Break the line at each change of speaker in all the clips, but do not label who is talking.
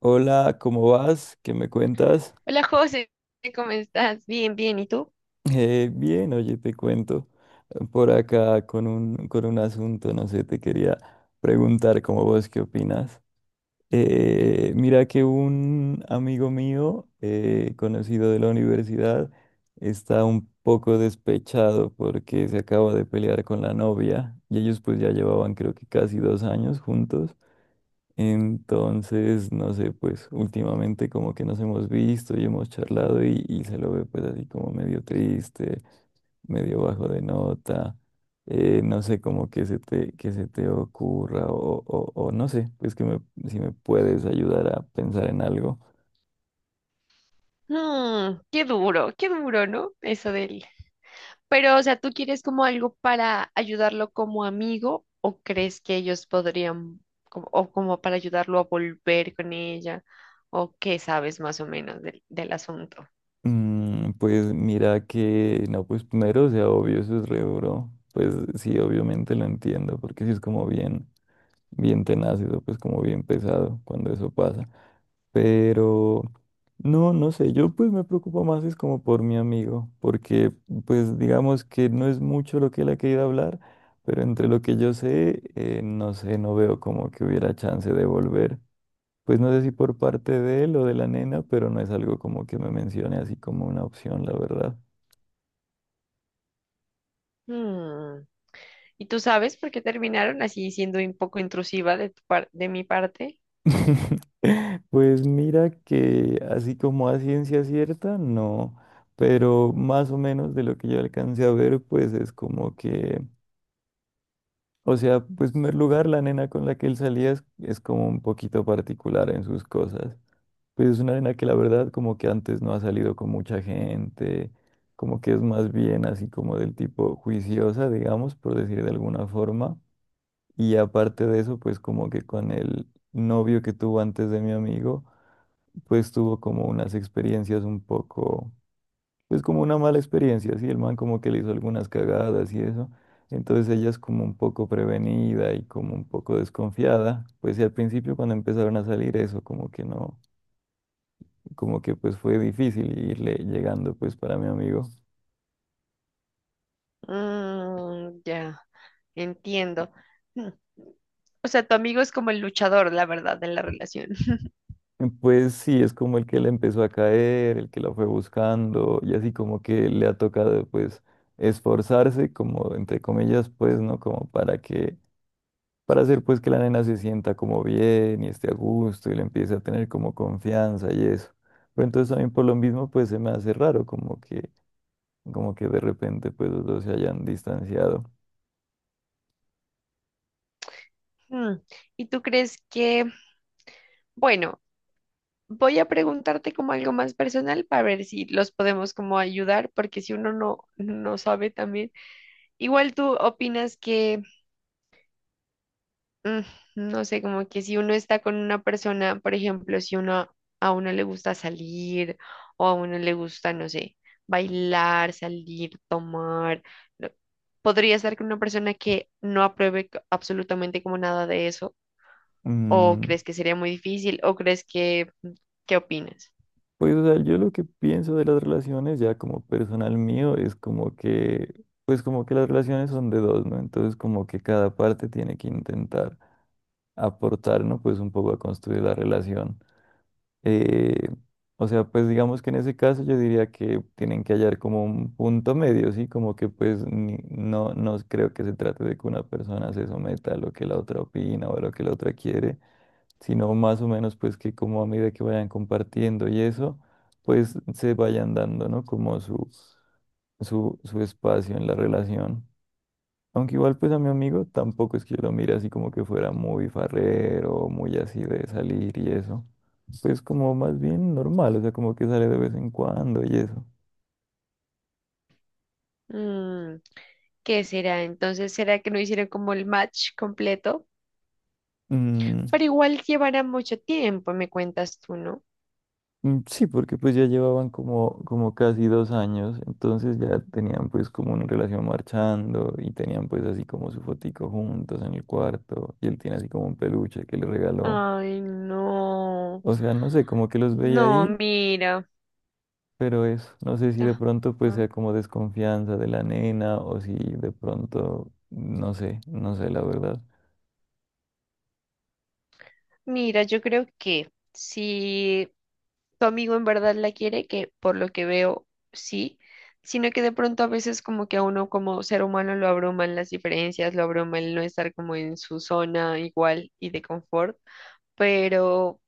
Hola, ¿cómo vas? ¿Qué me cuentas?
Hola José, ¿cómo estás? Bien, bien, ¿y tú?
Bien, oye, te cuento por acá con con un asunto, no sé, te quería preguntar como vos qué opinas. Mira que un amigo mío, conocido de la universidad, está un poco despechado porque se acaba de pelear con la novia y ellos pues ya llevaban creo que casi 2 años juntos. Entonces, no sé, pues últimamente como que nos hemos visto y hemos charlado y se lo ve pues así como medio triste, medio bajo de nota. No sé como que que se te ocurra o no sé, pues si me puedes ayudar a pensar en algo.
Mm, qué duro, ¿no? Eso del... Pero, o sea, ¿tú quieres como algo para ayudarlo como amigo o crees que ellos podrían, como, o como para ayudarlo a volver con ella? ¿O qué sabes más o menos del asunto?
Pues mira que, no, pues primero, o sea, obvio, eso es re duro. Pues sí, obviamente lo entiendo, porque sí es como bien, bien tenaz, eso pues como bien pesado cuando eso pasa. Pero no, no sé, yo pues me preocupo más es como por mi amigo, porque pues digamos que no es mucho lo que él ha querido hablar, pero entre lo que yo sé, no sé, no veo como que hubiera chance de volver. Pues no sé si por parte de él o de la nena, pero no es algo como que me mencione así como una opción, la verdad.
Mm. ¿Y tú sabes por qué terminaron? Así siendo un poco intrusiva de tu de mi parte.
Pues mira que así como a ciencia cierta, no, pero más o menos de lo que yo alcancé a ver, pues es como que. O sea, pues en primer lugar, la nena con la que él salía es como un poquito particular en sus cosas. Pues es una nena que la verdad como que antes no ha salido con mucha gente, como que es más bien así como del tipo juiciosa, digamos, por decir de alguna forma. Y aparte de eso, pues como que con el novio que tuvo antes de mi amigo, pues tuvo como unas experiencias un poco pues como una mala experiencia, sí el man como que le hizo algunas cagadas y eso. Entonces ella es como un poco prevenida y como un poco desconfiada, pues y al principio cuando empezaron a salir eso, como que no, como que pues fue difícil irle llegando pues para mi amigo.
Mm, ya. Entiendo. Mm. O sea, tu amigo es como el luchador, la verdad, de la relación.
Pues sí, es como el que le empezó a caer, el que la fue buscando y así como que le ha tocado pues esforzarse como entre comillas pues, ¿no? Como para hacer pues que la nena se sienta como bien y esté a gusto y le empiece a tener como confianza y eso. Pero entonces también por lo mismo pues se me hace raro como que de repente pues los dos se hayan distanciado.
Mm. ¿Y tú crees que, bueno, voy a preguntarte como algo más personal para ver si los podemos como ayudar, porque si uno no sabe también, igual tú opinas que... Mm, no sé, como que si uno está con una persona, por ejemplo, si uno a uno le gusta salir o a uno le gusta, no sé, bailar, salir, tomar, no, ¿podría estar con una persona que no apruebe absolutamente como nada de eso? ¿O
Mm,
crees que sería muy difícil? ¿O crees que, qué opinas?
pues o sea, yo lo que pienso de las relaciones ya como personal mío es como que, pues como que las relaciones son de dos, ¿no? Entonces como que cada parte tiene que intentar aportar, ¿no? Pues un poco a construir la relación. Eh, o sea, pues digamos que en ese caso yo diría que tienen que hallar como un punto medio, ¿sí? Como que pues no creo que se trate de que una persona se someta a lo que la otra opina o a lo que la otra quiere, sino más o menos pues que como a medida que vayan compartiendo y eso, pues se vayan dando, ¿no? Como su espacio en la relación. Aunque igual pues a mi amigo tampoco es que yo lo mire así como que fuera muy farrero, muy así de salir y eso. Pues como más bien normal, o sea, como que sale de vez en cuando y eso.
Mm, ¿qué será? Entonces, ¿será que no hicieron como el match completo?
Mm,
Pero igual llevará mucho tiempo, me cuentas tú, ¿no?
sí, porque pues ya llevaban como casi 2 años, entonces ya tenían pues como una relación marchando y tenían pues así como su fotico juntos en el cuarto y él tiene así como un peluche que le regaló.
Ay, no.
O sea, no sé, como que los veía
No,
ahí.
mira.
Pero eso, no sé si de pronto pues
Ajá.
sea como desconfianza de la nena o si de pronto, no sé, no sé la verdad.
Mira, yo creo que si tu amigo en verdad la quiere, que por lo que veo, sí, sino que de pronto a veces como que a uno como ser humano lo abruman las diferencias, lo abruma el no estar como en su zona igual y de confort, pero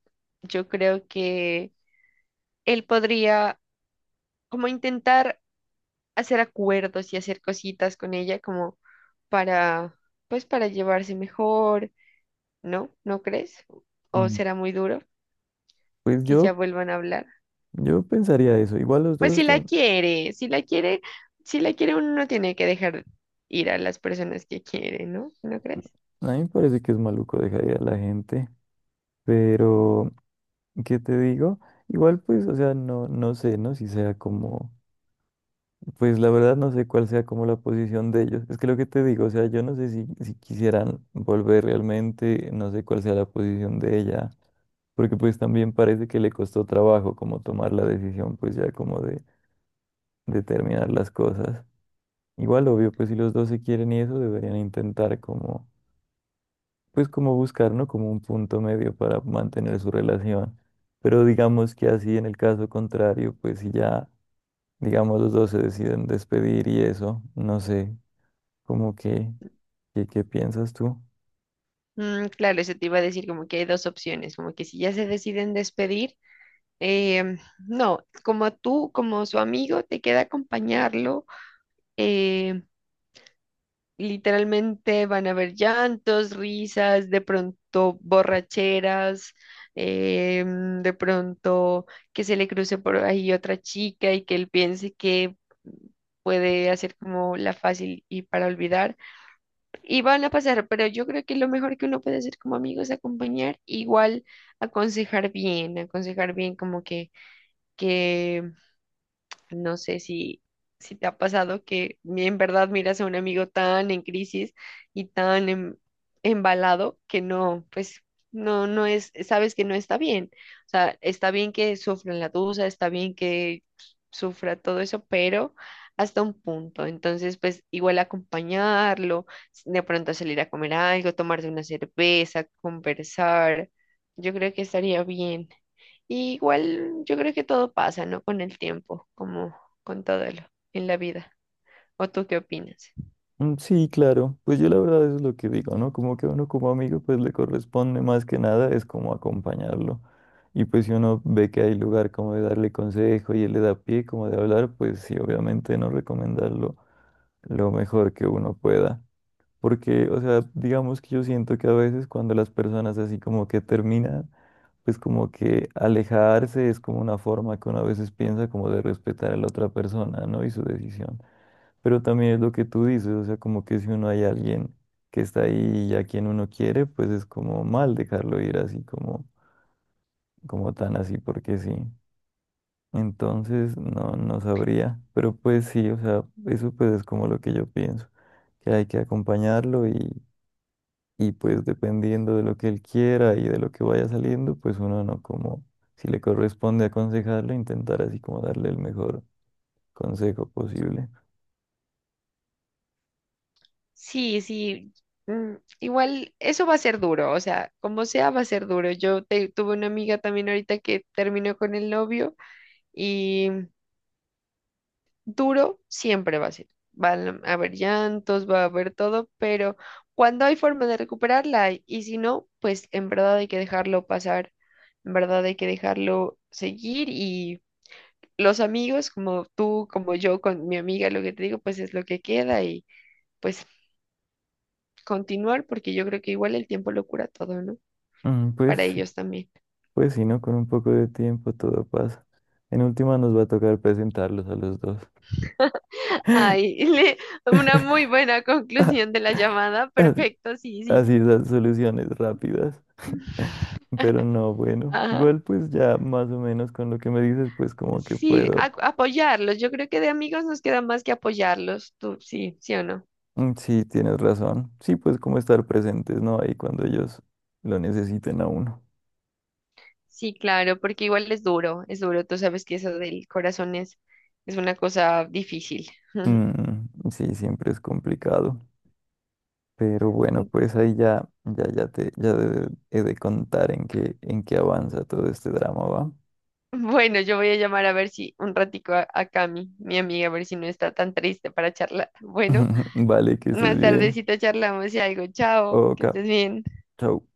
yo creo que él podría como intentar hacer acuerdos y hacer cositas con ella como para, pues para llevarse mejor, ¿no? ¿No crees? ¿O
Mm.
será muy duro
Pues
que ya
yo,
vuelvan a hablar?
yo pensaría eso. Igual los
Pues
dos
si la
están,
quiere, si la quiere, si la quiere uno no tiene que dejar ir a las personas que quiere, ¿no? ¿No crees?
a mí me parece que es maluco dejaría a la gente, pero ¿qué te digo? Igual pues, o sea, no sé, ¿no? Si sea como. Pues la verdad no sé cuál sea como la posición de ellos. Es que lo que te digo, o sea, yo no sé si quisieran volver realmente, no sé cuál sea la posición de ella, porque pues también parece que le costó trabajo como tomar la decisión, pues ya como de terminar las cosas. Igual, obvio, pues si los dos se quieren y eso, deberían intentar como, pues como buscar, ¿no? Como un punto medio para mantener su relación. Pero digamos que así en el caso contrario, pues si ya, digamos, los dos se deciden despedir y eso, no sé, como que, ¿qué piensas tú?
Mm, claro, eso te iba a decir, como que hay dos opciones. Como que si ya se deciden despedir, em, no, como tú, como su amigo, te queda acompañarlo. em, Literalmente van a haber llantos, risas, de pronto borracheras, de pronto que se le cruce por ahí otra chica y que él piense que puede hacer como la fácil y para olvidar. Y van a pasar, pero yo creo que lo mejor que uno puede hacer como amigo es acompañar, igual aconsejar bien como que, no sé si, si te ha pasado que en verdad miras a un amigo tan en crisis y tan embalado que no, pues no, no es, sabes que no está bien. O sea, está bien que sufran la duda, está bien que sufra todo eso, pero hasta un punto. Entonces, pues igual acompañarlo, de pronto salir a comer algo, tomarse una cerveza, conversar. Yo creo que estaría bien. Y igual yo creo que todo pasa, ¿no? Con el tiempo, como con todo lo, en la vida. ¿O tú qué opinas?
Sí, claro, pues yo la verdad eso es lo que digo, ¿no? Como que uno como amigo pues le corresponde más que nada es como acompañarlo. Y pues si uno ve que hay lugar como de darle consejo y él le da pie como de hablar, pues sí, obviamente no recomendarlo lo mejor que uno pueda. Porque, o sea, digamos que yo siento que a veces cuando las personas así como que terminan, pues como que alejarse es como una forma que uno a veces piensa como de respetar a la otra persona, ¿no? Y su decisión. Pero también es lo que tú dices, o sea, como que si uno hay alguien que está ahí y a quien uno quiere, pues es como mal dejarlo ir así como, como tan así porque sí. Entonces, no, no sabría. Pero pues sí, o sea, eso pues es como lo que yo pienso, que hay que acompañarlo y pues dependiendo de lo que él quiera y de lo que vaya saliendo, pues uno no como, si le corresponde aconsejarlo, intentar así como darle el mejor consejo posible.
Sí, sí. Mm, igual eso va a ser duro, o sea, como sea va a ser duro. Tuve una amiga también ahorita que terminó con el novio y duro siempre va a ser. Van a haber llantos, va a haber todo, pero cuando hay forma de recuperarla hay, y si no, pues en verdad hay que dejarlo pasar, en verdad hay que dejarlo seguir, y los amigos, como tú, como yo, con mi amiga, lo que te digo, pues es lo que queda y pues continuar, porque yo creo que igual el tiempo lo cura todo, ¿no?
Mm, Pues,
Para
sí,
ellos también.
pues sí no, con un poco de tiempo todo pasa. En última nos va a tocar presentarlos a los dos.
Ay, una muy buena
Ah,
conclusión de la llamada.
así,
Perfecto, sí, sí.
así esas soluciones rápidas. Pero no, bueno,
Ajá.
igual pues ya más o menos con lo que me dices, pues como que
Sí,
puedo.
apoyarlos. Yo creo que de amigos nos queda más que apoyarlos. Tú, sí, sí o no.
Sí, tienes razón. Sí, pues como estar presentes, ¿no? Ahí cuando ellos lo necesiten a uno.
Sí, claro, porque igual es duro, es duro. Tú sabes que eso del corazón es una cosa difícil.
Sí, siempre es complicado. Pero bueno, pues ahí ya te he de contar en qué avanza todo este drama, ¿va?
Bueno, yo voy a llamar a ver si un ratico a Cami, mi amiga, a ver si no está tan triste para charlar. Bueno,
Vale, que estés
más
bien.
tardecito charlamos y algo. Chao, que
Oka,
estés bien.
chau.